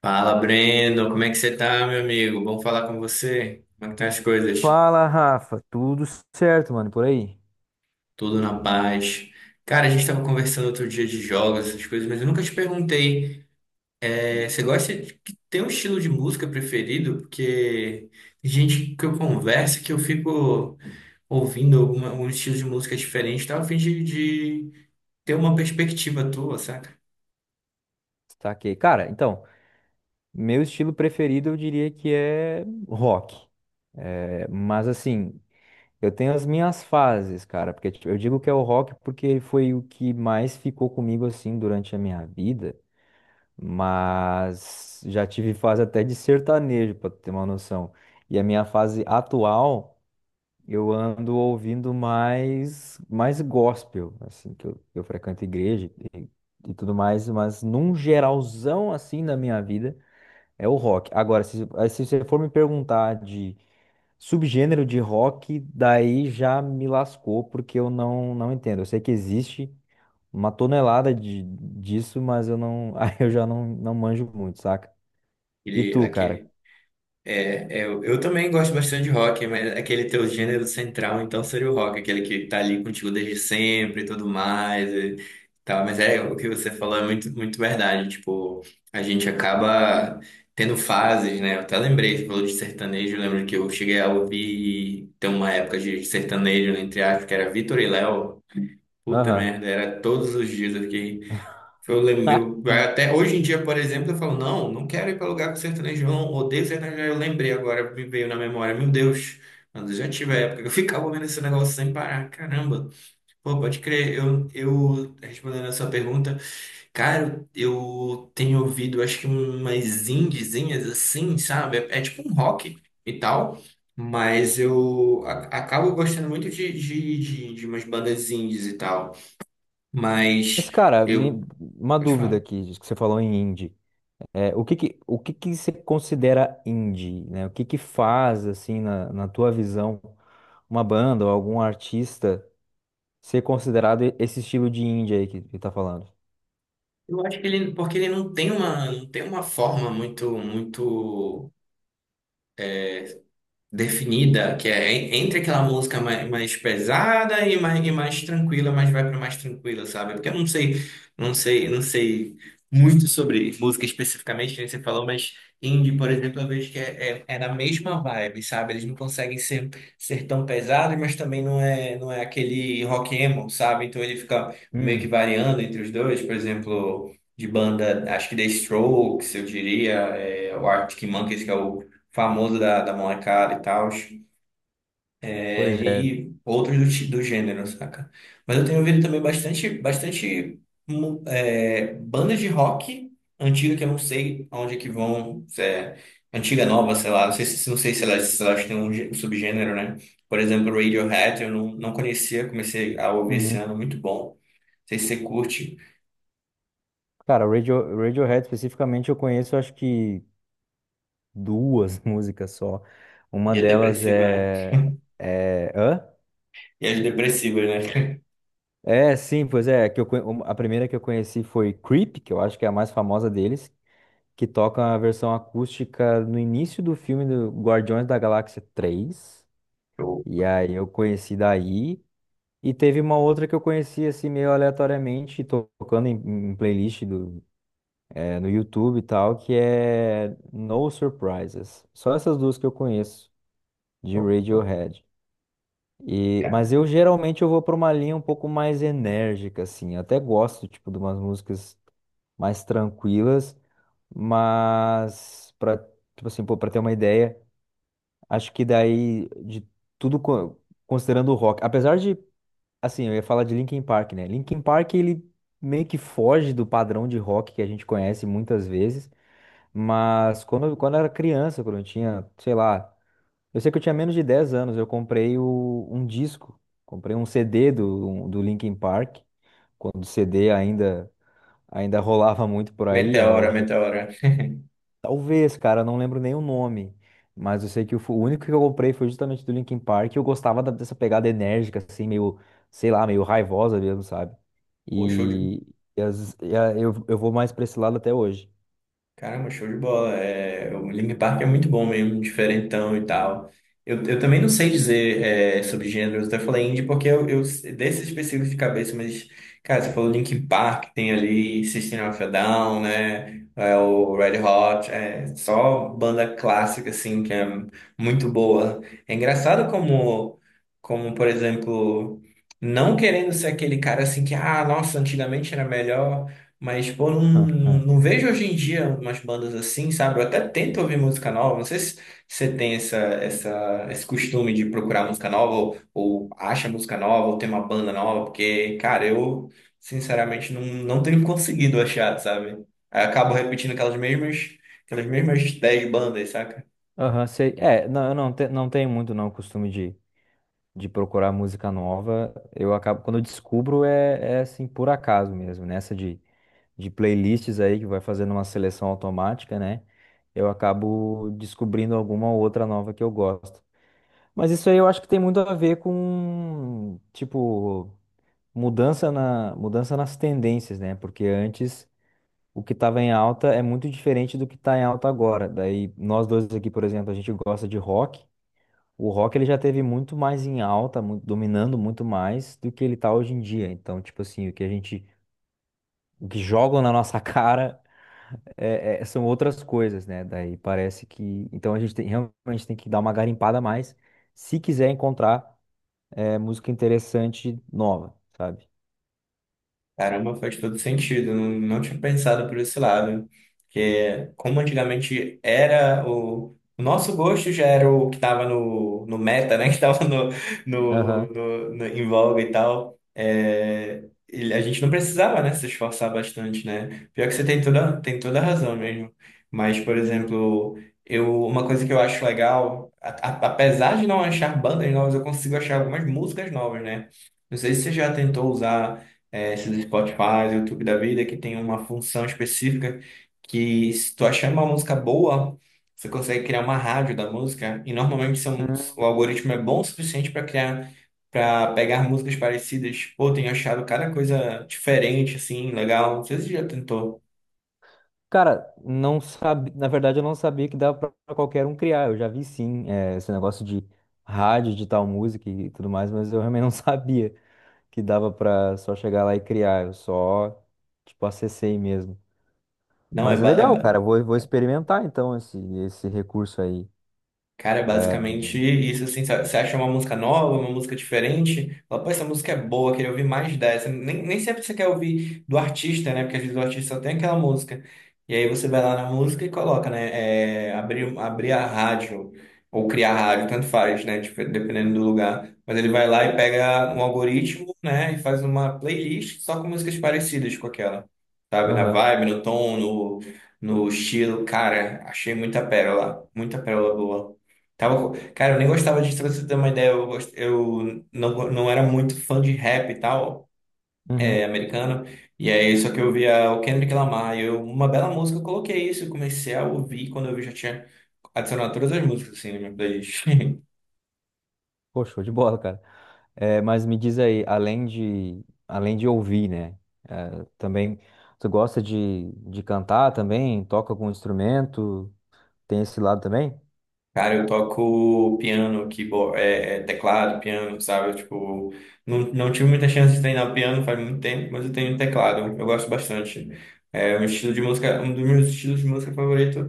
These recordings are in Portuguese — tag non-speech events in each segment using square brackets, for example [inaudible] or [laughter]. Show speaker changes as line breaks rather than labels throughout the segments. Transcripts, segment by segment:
Fala, Breno, como é que você tá, meu amigo? Bom falar com você. Como é que estão as coisas?
Fala, Rafa. Tudo certo, mano, por aí?
Tudo na paz. Cara, a gente tava conversando outro dia de jogos, essas coisas, mas eu nunca te perguntei. Você gosta de ter um estilo de música preferido? Porque tem gente que eu converso que eu fico ouvindo alguma, um estilo de música diferente, tá? A fim de ter uma perspectiva tua, saca?
Saquei. Cara, então, meu estilo preferido eu diria que é rock. É, mas assim, eu tenho as minhas fases, cara, porque tipo, eu digo que é o rock porque foi o que mais ficou comigo assim durante a minha vida, mas já tive fase até de sertanejo, pra tu ter uma noção. E a minha fase atual, eu ando ouvindo mais, mais gospel, assim, que eu frequento igreja e tudo mais, mas num geralzão, assim, na minha vida, é o rock. Agora, se você for me perguntar de subgênero de rock, daí já me lascou, porque eu não, não entendo. Eu sei que existe uma tonelada disso, mas eu não... [laughs] Aí eu já não manjo muito, saca? E
Aquele,
tu, cara?
aquele eu também gosto bastante de rock, mas aquele teu gênero central, então, seria o rock, aquele que tá ali contigo desde sempre e tudo mais e tal. Mas o que você falou é muito verdade. Tipo, a gente acaba tendo fases, né? Eu até lembrei, você falou de sertanejo, eu lembro que eu cheguei a ouvir, tem uma época de sertanejo, entre aspas, que era Vitor e Léo. Puta
Aham.
merda, era todos os dias eu fiquei eu
[laughs]
até hoje em dia, por exemplo, eu falo, não, não quero ir para lugar com sertanejo, não odeio sertanejo. Eu lembrei agora, me veio na memória, meu Deus, quando eu já tive a época que eu [laughs] ficava ouvindo esse negócio sem parar, caramba. Pô, pode crer, eu respondendo a sua pergunta, cara, eu tenho ouvido, acho que umas indiezinhas assim, sabe? É tipo um rock e tal. Mas eu acabo gostando muito de umas bandas indies e tal. Mas
Mas, cara,
eu.
uma
Pode
dúvida
falar.
aqui, diz que você falou em indie. É, o que que você considera indie, né? O que que faz, assim, na tua visão, uma banda ou algum artista ser considerado esse estilo de indie aí que tá falando?
Eu acho que ele, porque ele não tem uma, não tem uma forma muito definida, que é entre aquela música mais, mais pesada e mais tranquila, mas vai para mais tranquila, sabe? Porque eu não sei, não sei, não sei muito sobre música especificamente, que nem você falou, mas indie, por exemplo, eu vejo que é na mesma vibe, sabe? Eles não conseguem ser tão pesados, mas também não é aquele rock emo, sabe? Então ele fica meio que
Hum,
variando entre os dois, por exemplo. De banda, acho que The Strokes, eu diria, é, o Arctic Monkeys, que é o famoso da molecada e tal, é,
pois é.
e outros do, do gênero, saca? Mas eu tenho ouvido também bastante bandas de rock antiga que eu não sei aonde é que vão, se é antiga, nova, sei lá, não sei se se elas têm um, um subgênero, né? Por exemplo, Radiohead, eu não, não conhecia, comecei a ouvir esse
Uhum.
ano, muito bom. Não sei se você curte,
Cara, Radiohead especificamente eu conheço, acho que duas [laughs] músicas só. Uma
e é
delas
depressiva, né?
é... É... Hã?
E as depressivas, né?
É, sim, pois é. Que a primeira que eu conheci foi Creep, que eu acho que é a mais famosa deles, que toca a versão acústica no início do filme do Guardiões da Galáxia 3.
[laughs] Show,
E aí eu conheci daí. E teve uma outra que eu conheci assim meio aleatoriamente, tocando em playlist do, no YouTube e tal, que é No Surprises. Só essas duas que eu conheço de
show.
Radiohead. E,
Cara,
mas eu geralmente eu vou para uma linha um pouco mais enérgica, assim. Eu até gosto, tipo, de umas músicas mais tranquilas. Mas para, tipo assim, pô, para ter uma ideia, acho que daí de tudo co- considerando o rock, apesar de assim, eu ia falar de Linkin Park, né? Linkin Park ele meio que foge do padrão de rock que a gente conhece muitas vezes, mas quando eu era criança, quando eu tinha, sei lá, eu sei que eu tinha menos de 10 anos, eu comprei um disco, comprei um CD do Linkin Park, quando o CD ainda ainda rolava muito por aí, era...
Meteora, Meteora. [laughs]
Talvez, cara, eu não lembro nem o nome. Mas eu sei que o único que eu comprei foi justamente do Linkin Park. E eu gostava dessa pegada enérgica, assim, meio, sei lá, meio raivosa mesmo, sabe?
Pô, show de.
E, eu vou mais pra esse lado até hoje.
Caramba, show de bola. É, o Linkin Park é muito bom mesmo, diferentão e tal. Eu também não sei dizer é, sobre gêneros, até falei indie porque eu desses específicos de cabeça, mas, cara, você falou Linkin Park, tem ali System of a Down, né? É, o Red Hot, é só banda clássica, assim, que é muito boa. É engraçado por exemplo, não querendo ser aquele cara assim que, ah, nossa, antigamente era melhor. Mas, pô, não
[laughs]
vejo hoje em dia umas bandas assim, sabe? Eu até tento ouvir música nova. Não sei se você tem esse costume de procurar música nova, ou acha música nova, ou tem uma banda nova, porque, cara, eu sinceramente não, não tenho [laughs] conseguido achar, sabe? Aí eu acabo repetindo aquelas mesmas 10 bandas, sabe?
Aham, sei. É, não, eu não, te- não tenho muito não o costume de procurar música nova. Eu acabo, quando eu descubro, é assim, por acaso mesmo, nessa de playlists aí que vai fazendo uma seleção automática, né? Eu acabo descobrindo alguma outra nova que eu gosto. Mas isso aí eu acho que tem muito a ver com, tipo, mudança nas tendências, né? Porque antes o que estava em alta é muito diferente do que está em alta agora. Daí nós dois aqui, por exemplo, a gente gosta de rock. O rock ele já teve muito mais em alta, dominando muito mais do que ele tá hoje em dia. Então, tipo assim, o que a gente, o que jogam na nossa [laughs] cara são outras coisas, né? Daí parece que... Então a gente tem, realmente tem que dar uma garimpada a mais se quiser encontrar, música interessante nova, sabe?
Caramba, faz todo sentido. Não tinha pensado por esse lado. Que como antigamente era o nosso gosto já era o que estava no meta, né? [laughs] Que estava
Aham.
em voga e tal. É, e a gente não precisava, né, se esforçar bastante, né? Pior que você tem tem toda a razão mesmo. Mas, por exemplo, eu, uma coisa que eu acho legal, apesar de não achar bandas novas, eu consigo achar algumas músicas novas, né? Não sei se você já tentou usar esses Spotify, YouTube da vida, que tem uma função específica que se tu achar uma música boa, você consegue criar uma rádio da música e normalmente são, o
Hum.
algoritmo é bom o suficiente para criar, para pegar músicas parecidas. Pô, tenho achado cada coisa diferente, assim, legal. Não sei se você já tentou.
Cara, não sabe, na verdade eu não sabia que dava pra qualquer um criar. Eu já vi sim, esse negócio de rádio, de tal música e tudo mais, mas eu realmente não [laughs] sabia que dava pra só chegar lá e criar. Eu só, tipo, acessei mesmo.
Não, é,
Mas é
ba- é,
legal,
ba-
cara. Vou experimentar então esse recurso aí.
Cara, é
É,
basicamente isso, assim, sabe? Você acha uma música nova, uma música diferente, fala, pô, essa música é boa, queria ouvir mais dessa. Nem sempre você quer ouvir do artista, né? Porque às vezes o artista só tem aquela música. E aí você vai lá na música e coloca, né? É, abrir a rádio, ou criar rádio, tanto faz, né? Tipo, dependendo do lugar. Mas ele vai lá e pega um algoritmo, né? E faz uma playlist só com músicas parecidas com aquela, sabe? Na
aham.
vibe, no tom, no estilo. Cara, achei muita pérola boa. Tava, cara, eu nem gostava de, pra você ter uma ideia, eu, gost- eu não, go- não era muito fã de rap e tal,
Uhum.
é, americano, e aí só que eu via o Kendrick Lamar, e eu, uma bela música, eu coloquei isso, eu comecei a ouvir, quando eu vi já tinha adicionado todas as músicas, assim, na minha playlist. [laughs]
Pô, show de bola, cara. É, mas me diz aí, além de ouvir, né? é, também, tu gosta de cantar também? Toca algum instrumento? Tem esse lado também?
Cara, eu toco piano, keyboard, teclado, piano, sabe? Tipo, não, não tive muita chance de treinar piano faz muito tempo, mas eu tenho teclado, eu gosto bastante. É um estilo de música, um dos meus estilos de música favorito.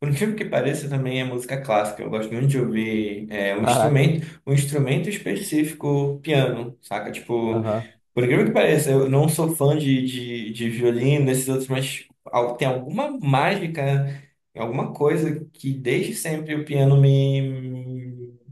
Por incrível que pareça, também é música clássica. Eu gosto muito de ouvir é,
Caraca.
um instrumento específico, piano, saca? Tipo,
Aham.
por incrível que pareça, eu não sou fã de violino, desses outros, mas tem alguma mágica, alguma coisa que desde sempre o piano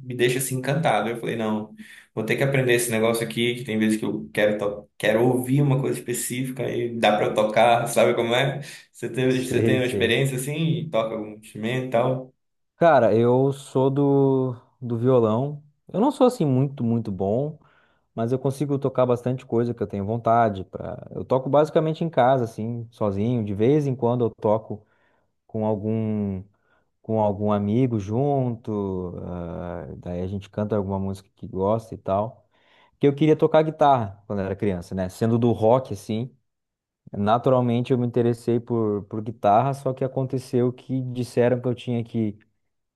me deixa assim encantado. Eu falei, não, vou ter que aprender esse negócio aqui, que tem vezes que eu quero, quero ouvir uma coisa específica e dá pra eu tocar, sabe como é? Você tem
Sei,
uma
sei.
experiência assim, e toca algum instrumento e tal?
Cara, eu sou do, do violão. Eu não sou assim muito bom, mas eu consigo tocar bastante coisa que eu tenho vontade pra... Eu toco basicamente em casa, assim, sozinho. De vez em quando eu toco com algum, com algum amigo junto, ah, daí a gente canta alguma música que gosta e tal. Porque eu queria tocar guitarra quando era criança, né? Sendo do rock, assim, naturalmente eu me interessei por guitarra, só que aconteceu que disseram que eu tinha que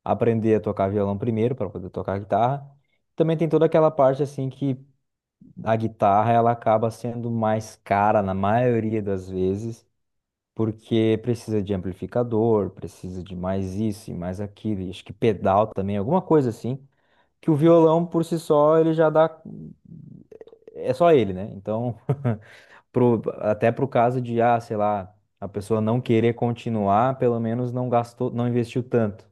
aprender a tocar violão primeiro para poder tocar guitarra. Também tem toda aquela parte, assim, que a guitarra ela acaba sendo mais cara na maioria das vezes, porque precisa de amplificador, precisa de mais isso e mais aquilo, e acho que pedal também, alguma coisa assim, que o violão por si só ele já dá, é só ele, né? Então, [laughs] pro, até pro caso de, ah, sei lá, a pessoa não querer continuar, pelo menos não gastou, não investiu tanto.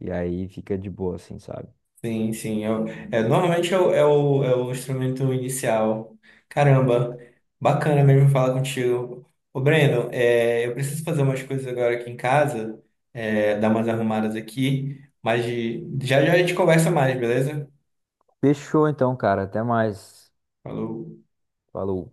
E aí fica de boa, assim, sabe?
Sim, sim. É, normalmente é o instrumento inicial. Caramba, bacana mesmo falar contigo. Ô, Breno, é, eu preciso fazer umas coisas agora aqui em casa, é, dar umas arrumadas aqui, mas já já a gente conversa mais, beleza?
Fechou então, cara. Até mais.
Falou.
Falou.